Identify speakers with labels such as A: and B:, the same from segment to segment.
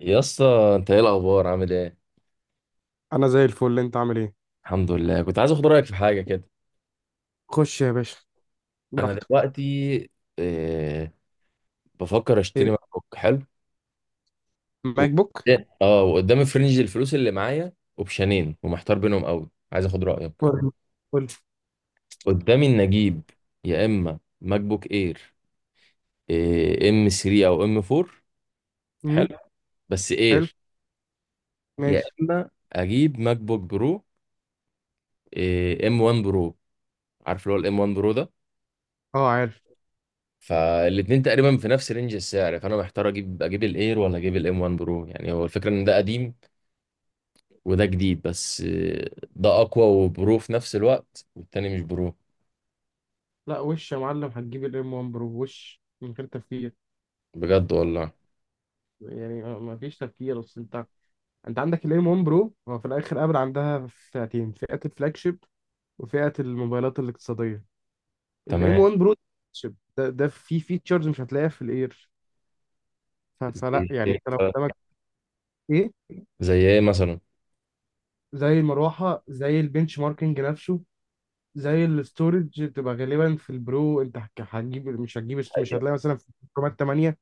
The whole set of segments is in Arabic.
A: يا اسطى، انت ايه الاخبار، عامل ايه؟
B: انا زي الفل. انت عامل ايه؟
A: الحمد لله. كنت عايز اخد رايك في حاجه كده.
B: خش يا باشا،
A: انا
B: براحتك.
A: دلوقتي، إيه بفكر اشتري
B: ايه،
A: ماك بوك حلو. و-
B: ماك بوك؟
A: اه وقدامي في رينج الفلوس اللي معايا، اوبشنين ومحتار بينهم قوي، عايز اخد رايك.
B: قول. قول.
A: قدامي ان اجيب، يا اما ماك بوك اير، ام 3 او ام 4،
B: امم.
A: حلو بس
B: حلو،
A: اير. يا
B: ماشي.
A: اما اجيب ماك بوك برو، ام 1 برو. عارف اللي هو الام 1 برو ده.
B: اه، عارف.
A: فالاتنين تقريبا في نفس رينج السعر، فانا محتار اجيب الاير ولا اجيب الام 1 برو. يعني هو الفكره ان ده قديم وده جديد، بس ده اقوى وبرو في نفس الوقت، والتاني مش برو.
B: لا، وش يا معلم، هتجيب الام 1 برو وش من غير تفكير.
A: بجد والله.
B: يعني ما فيش تفكير، اصل انت عندك الام 1 برو. هو في الاخر ابل عندها فئتين: فئه الفلاج شيب وفئه الموبايلات الاقتصاديه. الام
A: تمام.
B: 1 برو شيب ده فيه فيتشرز مش هتلاقيها في الاير.
A: زي
B: فلا يعني
A: ايه
B: انت لو
A: مثلا؟
B: قدامك. ايه.
A: زي ايه مثلا؟
B: زي المروحه، زي البنش ماركينج نفسه، زي الاستورج بتبقى غالبا في البرو. انت هك- هتجيب مش هتجيب مش هتلاقي مثلا في رامات 8.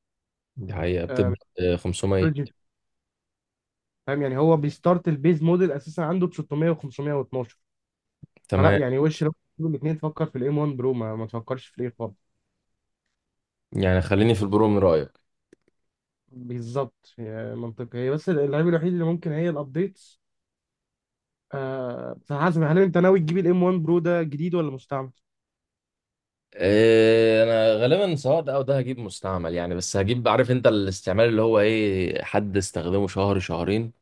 A: دي حقيقه
B: آه،
A: بتبدا 500.
B: الاستورج، فاهم. يعني هو بيستارت البيز موديل اساسا عنده ب 600 و512. فلا
A: تمام.
B: يعني، وش لو تجيب الاثنين، تفكر في الام 1 برو، ما تفكرش في الايه خالص.
A: يعني خليني في البرو من رايك.
B: بالظبط، هي منطقي، هي بس العيب الوحيد اللي ممكن هي الابديتس. آه، فحسب، هل انت ناوي تجيب الام 1 برو ده جديد ولا مستعمل؟
A: انا غالبا سواء ده او ده هجيب مستعمل يعني. بس هجيب، عارف انت الاستعمال اللي هو ايه، حد استخدمه شهر شهرين.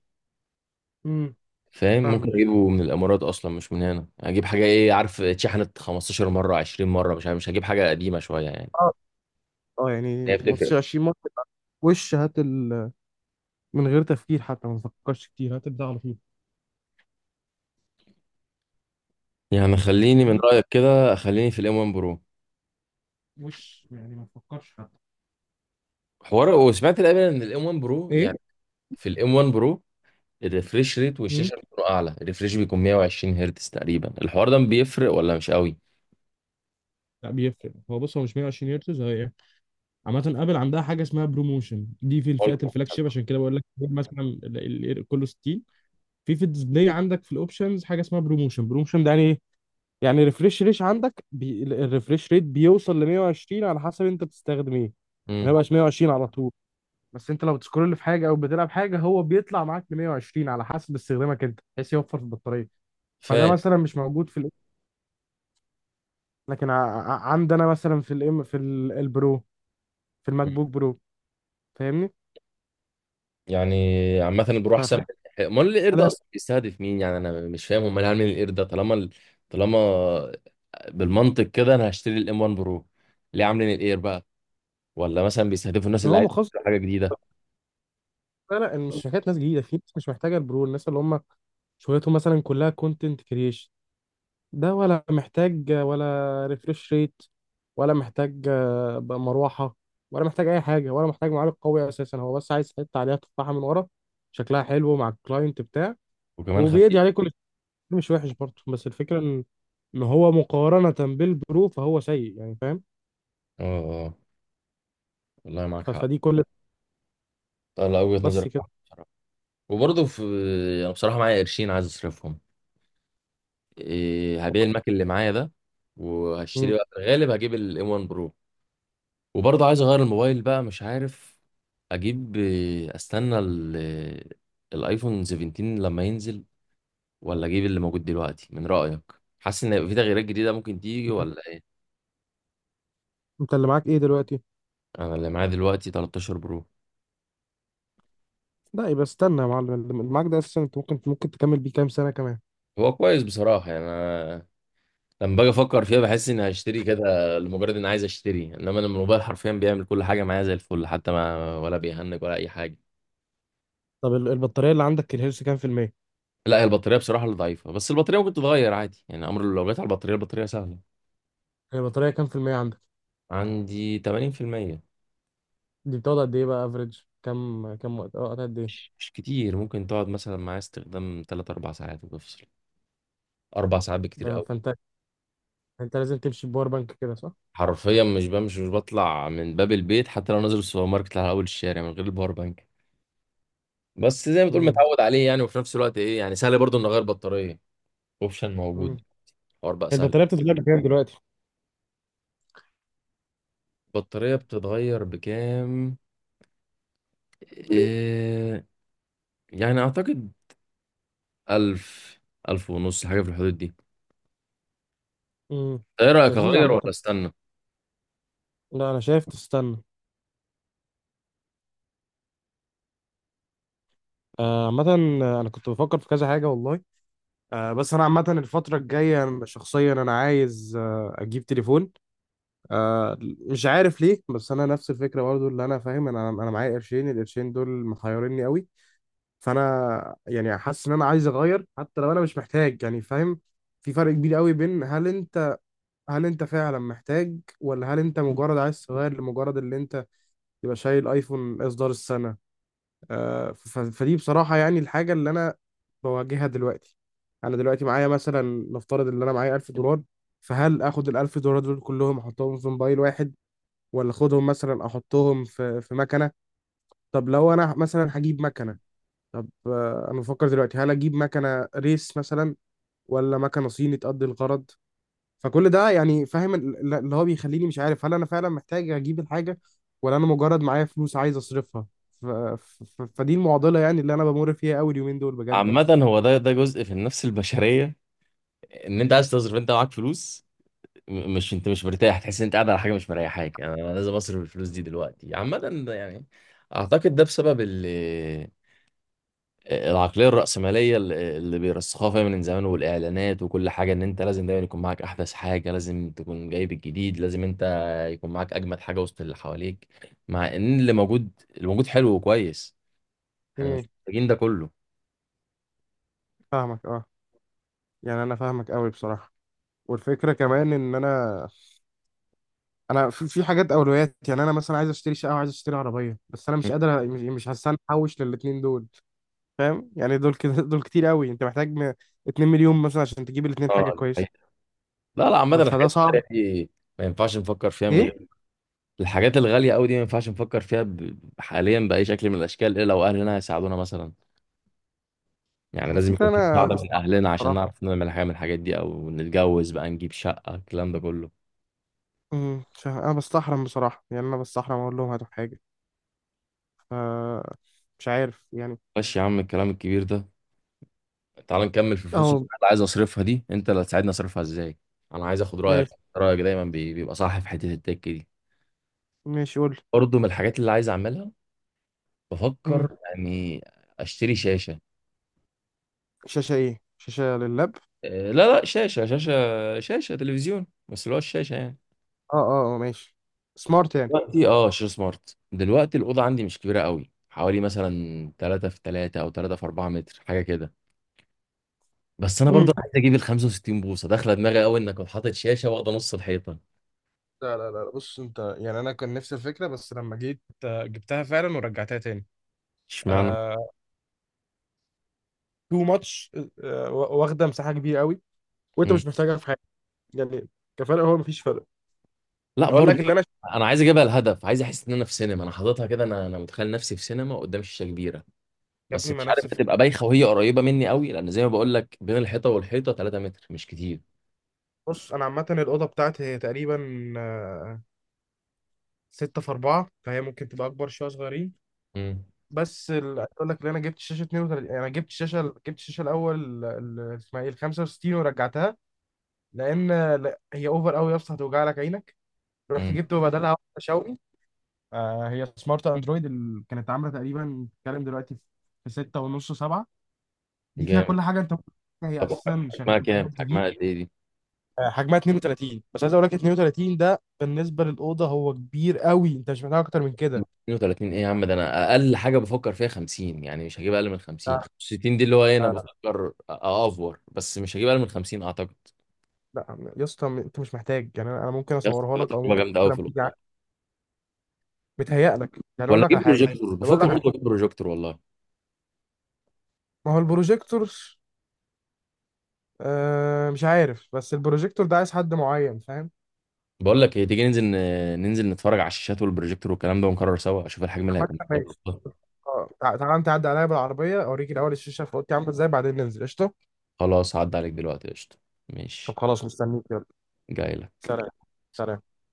B: امم.
A: فاهم، ممكن
B: فاهم.
A: اجيبه من الامارات اصلا مش من هنا. اجيب حاجه، ايه، عارف، اتشحنت 15 مره 20 مره، مش عارف، مش هجيب حاجه قديمه شويه يعني.
B: اه. اه،
A: هي
B: يعني
A: بتفرق.
B: 15 20 مره. وش هات من غير تفكير، حتى ما تفكرش كتير، هات البتاع على طول.
A: يعني خليني من
B: فاهمني؟
A: رايك كده، خليني في الام 1 برو.
B: مش يعني ما تفكرش حتى.
A: حوار، وسمعت الامانه ان الام 1 برو
B: ايه.
A: يعني، في الام 1 برو الريفريش ريت
B: مم.
A: والشاشه بتكون اعلى. الريفريش بيكون 120 هرتز تقريبا. الحوار ده بيفرق ولا مش قوي؟
B: لا، بيفرق. هو، بص، هو مش 120 هرتز، هي ايه؟ عامة ابل عندها حاجة اسمها بروموشن، دي في الفئات الفلاج شيب، عشان كده بقول لك. مثلا كله 60، في الديسبلاي عندك في الاوبشنز حاجة اسمها بروموشن. بروموشن ده يعني ايه؟ يعني ريفريش ريت عندك، الريفريش ريت بيوصل ل 120 على حسب انت بتستخدم ايه، ما
A: امم.
B: بقاش 120 على طول. بس انت لو بتسكرول في حاجة او بتلعب حاجة، هو بيطلع معاك ل 120 على حسب استخدامك انت، بحيث يوفر في البطارية. فده
A: فاهم
B: مثلا مش موجود في، لكن عندنا مثلا في الام، في البرو، في الماك بوك برو، فاهمني؟
A: يعني. عامة
B: ف-
A: البروح سام.
B: ف-
A: امال القرد ده
B: لا،
A: اصلا بيستهدف مين؟ يعني انا مش فاهم هم ليه عاملين القرد ده، طالما بالمنطق كده انا هشتري الام 1 برو. ليه عاملين الاير بقى؟ ولا مثلا بيستهدفوا الناس
B: عشان
A: اللي
B: هو
A: عايزه
B: مخصص.
A: تشتري حاجه جديده؟
B: لا لا، مش حكايه ناس جديده، في ناس مش محتاجه البرو، الناس اللي هم شغلتهم مثلا كلها كونتنت كريشن. ده ولا محتاج ولا ريفرش ريت، ولا محتاج بقى مروحه، ولا محتاج اي حاجه، ولا محتاج معالج قوي اساسا. هو بس عايز حته عليها تفاحه من ورا، شكلها حلو مع الكلاينت بتاع،
A: وكمان
B: وبيدي
A: خفيف.
B: عليه كل شيء. مش وحش برضه، بس الفكره إن هو مقارنه بالبرو فهو سيء، يعني فاهم.
A: اه. والله معاك حق.
B: فدي كل،
A: طلع وجهة نظرك
B: بس كده.
A: صح بصراحة. وبرضه انا بصراحه معايا قرشين عايز اصرفهم. هبيع الماك اللي معايا ده.
B: م.
A: وهشتري بقى، في الغالب هجيب الام 1 برو. وبرضه عايز اغير الموبايل بقى. مش عارف اجيب، استنى الايفون 17 لما ينزل، ولا اجيب اللي موجود دلوقتي من رأيك؟ حاسس ان هيبقى في تغييرات جديدة ممكن تيجي،
B: انت
A: ولا ايه؟
B: انت اللي معاك ايه دلوقتي؟
A: انا اللي معايا دلوقتي 13 برو.
B: لا، يبقى استنى يا معلم. اللي معاك ده اساسا انت ممكن تكمل بيه كام سنه كمان.
A: هو كويس بصراحة. يعني انا لما باجي افكر فيها، بحس اني هشتري كده لمجرد اني عايز اشتري. انما أنا الموبايل حرفيا بيعمل كل حاجة معايا زي الفل، حتى ما ولا بيهنج ولا اي حاجة.
B: طب البطاريه اللي عندك، الهيلث كام في الميه؟
A: لا، هي البطارية بصراحة اللي ضعيفة. بس البطارية ممكن تتغير عادي يعني. امر لو جت على البطارية، البطارية سهلة.
B: البطاريه كام في الميه عندك؟
A: عندي 80%.
B: دي بتقعد قد ايه، بقى افريج كام وقت؟ اه، قد ايه؟
A: مش كتير. ممكن تقعد مثلا معايا استخدام 3 4 ساعات وتفصل. 4 ساعات بكتير
B: ده
A: قوي.
B: فانت لازم تمشي بباور بانك كده، صح؟
A: حرفيا مش بمشي، مش بطلع من باب البيت حتى لو نازل السوبر ماركت على اول الشارع، من غير الباور بانك. بس زي ما تقول
B: امم.
A: متعود عليه يعني. وفي نفس الوقت يعني سهل برضو ان اغير بطاريه. اوبشن موجود.
B: امم.
A: حوار بقى سهل.
B: البطاريه بتتغير بكام دلوقتي؟
A: البطاريه بتتغير بكام؟ إيه يعني اعتقد 1000، 1000 ونص حاجه في الحدود دي.
B: امم.
A: ايه رايك،
B: لذيذ،
A: اغير ولا
B: عامه.
A: استنى؟
B: لا، انا شايف تستنى. عامه، انا كنت بفكر في كذا حاجه والله. بس انا عامه الفتره الجايه، أنا شخصيا انا عايز اجيب تليفون. مش عارف ليه، بس انا نفس الفكره برضو اللي انا فاهم. انا معايا قرشين، القرشين دول محيرني قوي. فانا يعني حاسس ان انا عايز اغير حتى لو انا مش محتاج، يعني فاهم؟ في فرق كبير قوي بين هل انت فعلا محتاج، ولا هل انت مجرد عايز تغير لمجرد اللي انت تبقى شايل ايفون اصدار السنه. فدي بصراحه يعني الحاجه اللي انا بواجهها دلوقتي. انا دلوقتي معايا مثلا، نفترض ان انا معايا 1000 دولار. فهل اخد ال 1000 دولار دول كلهم احطهم في موبايل واحد، ولا اخدهم مثلا احطهم في مكنه؟ طب لو انا مثلا هجيب مكنه، طب انا بفكر دلوقتي، هل اجيب مكنه ريس مثلا، ولا مكنه صيني تقضي الغرض؟ فكل ده يعني، فاهم، اللي هو بيخليني مش عارف، هل انا فعلا محتاج اجيب الحاجه، ولا انا مجرد معايا فلوس عايز اصرفها. فدي المعضله يعني اللي انا بمر فيها قوي اليومين دول بجد.
A: عامه هو ده جزء في النفس البشريه. ان انت عايز تصرف، انت معاك فلوس. مش انت مش مرتاح، تحس ان انت قاعد على حاجه مش مريحاك يعني. أنا لازم اصرف الفلوس دي دلوقتي. عامه ده يعني، اعتقد ده بسبب العقليه الراسماليه اللي بيرسخوها فيها من زمان، والاعلانات وكل حاجه، ان انت لازم دايما يكون معاك احدث حاجه، لازم تكون جايب الجديد، لازم انت يكون معاك اجمد حاجه وسط اللي حواليك. مع ان اللي موجود حلو وكويس. احنا
B: امم.
A: مش محتاجين ده كله.
B: فاهمك، اه. يعني انا فاهمك قوي بصراحه. والفكره كمان ان انا في حاجات اولويات. يعني انا مثلا عايز اشتري شقه وعايز اشتري عربيه، بس انا مش قادر، مش هستنى احوش للاتنين دول، فاهم؟ يعني دول كده دول كتير قوي. انت محتاج 2 مليون مثلا عشان تجيب الاتنين
A: اه،
B: حاجه كويسه.
A: الحقيقة. لا، لا، عامه
B: فده
A: الحاجات
B: صعب.
A: التانية دي، ما ينفعش نفكر فيها من غير.
B: ايه.
A: الحاجات الغالية أوي دي ما ينفعش نفكر فيها حاليا بأي شكل من الأشكال، إلا لو أهلنا هيساعدونا مثلا. يعني
B: ما
A: لازم يكون
B: الفكره
A: في
B: انا
A: مساعدة من
B: بستحرم
A: أهلنا عشان
B: بصراحه.
A: نعرف نعمل حاجة من الحاجات دي، أو نتجوز بقى، نجيب شقة، الكلام ده كله.
B: امم، مش عارف، انا بستحرم بصراحه، يعني انا بستحرم اقول لهم هاتوا حاجه. ف مش عارف يعني.
A: ماشي يا عم الكلام الكبير ده. تعال نكمل في الفلوس اللي
B: اه،
A: أنا عايز أصرفها دي. أنت اللي هتساعدني أصرفها إزاي. أنا عايز أخد رأيك.
B: ماشي.
A: رأيك دايما بيبقى صح في حتة التك دي.
B: ماشي، قول لي.
A: برضه من الحاجات اللي عايز أعملها،
B: امم.
A: بفكر يعني أشتري شاشة.
B: شاشه ايه؟ شاشه لللاب؟
A: إيه، لا لا، شاشة تلفزيون، بس اللي هو الشاشة يعني.
B: اه. اه. ماشي. سمارت.
A: دلوقتي اه شير سمارت. دلوقتي الاوضه عندي مش كبيره قوي، حوالي مثلا 3 في 3 او 3 في 4 متر، حاجه كده. بس انا
B: يعني
A: برضو عايز اجيب ال 65 بوصه. داخله دماغي قوي انك حاطط شاشه واخده نص الحيطه.
B: لا لا لا، بص انت، يعني انا كان نفس الفكره، بس لما جيت جبتها فعلا ورجعتها تاني.
A: اشمعنى؟
B: آه، تو ماتش، واخده مساحه كبيره قوي، وانت
A: مم.
B: مش محتاجها في حاجه. يعني كفرق هو مفيش فرق.
A: لا
B: اقول
A: برضو.
B: لك اللي انا شايفه،
A: انا عايز اجيبها. الهدف عايز احس ان انا في سينما. انا حاططها كده، انا متخيل نفسي في سينما قدام شاشه كبيره.
B: يا
A: بس
B: ابني مع
A: مش عارف
B: نفس
A: هتبقى
B: الفكره.
A: بايخه وهي قريبه مني قوي، لان زي ما بقول لك بين الحيطه والحيطه 3 متر، مش كتير.
B: بص انا عامه الاوضه بتاعتي هي تقريبا آه، ستة في أربعة، فهي ممكن تبقى اكبر شويه، صغيرين.
A: امم
B: بس عايز اقول لك، اللي انا جبت شاشه 32، انا جبت شاشه جبت الشاشه الاول، اسمها ايه، ال 65 ورجعتها، لان لا، هي اوفر قوي يا اسطى، هتوجع لك عينك. رحت
A: امم
B: جبت بدلها واحدة شاومي. هي سمارت اندرويد، اللي كانت عامله تقريبا، بتتكلم دلوقتي، في 6 ونص 7. دي فيها
A: جامد.
B: كل حاجه انت ممكن تتخيلها. هي
A: طب
B: اساسا شغاله في جوجل تي
A: حجمها
B: في.
A: قد ايه دي؟
B: حجمها 32، بس عايز اقول لك 32 ده بالنسبه للاوضه هو كبير قوي، انت مش محتاج اكتر من كده.
A: 32 ايه يا عم؟ ده انا اقل حاجه بفكر فيها 50 يعني. مش هجيب اقل من 50.
B: لا
A: 65 دي اللي هو ايه، انا
B: لا لا
A: بفكر اوفر. بس مش هجيب اقل من 50 اعتقد.
B: لا. يا اسطى، انت مش محتاج، يعني انا ممكن
A: يا اسطى
B: اصورها
A: تبقى
B: لك، او
A: تجربه
B: ممكن
A: جامده قوي في
B: لما تيجي
A: الاوضه.
B: متهيأ لك، يعني اقول
A: ولا
B: لك على
A: اجيب
B: حاجه.
A: بروجيكتور؟
B: طب اقول
A: بفكر
B: لك على حاجه،
A: برضه اجيب بروجيكتور والله.
B: ما هو البروجيكتور. مش عارف، بس البروجيكتور ده عايز حد معين، فاهم.
A: بقول لك ايه، تيجي ننزل ننزل نتفرج على الشاشات والبروجيكتور والكلام ده، ونكرر سوا اشوف الحجم اللي هيكون في
B: عامة،
A: الأوضة.
B: اه، تعالى انت عدى عليا بالعربيه، اوريك الاول الشاشه في اوضتي عامله ازاي، بعدين ننزل. قشطه.
A: خلاص هعدي عليك دلوقتي قشطه.
B: طب
A: ماشي.
B: خلاص، مستنيك، يلا.
A: جاي لك.
B: سلام. سلام.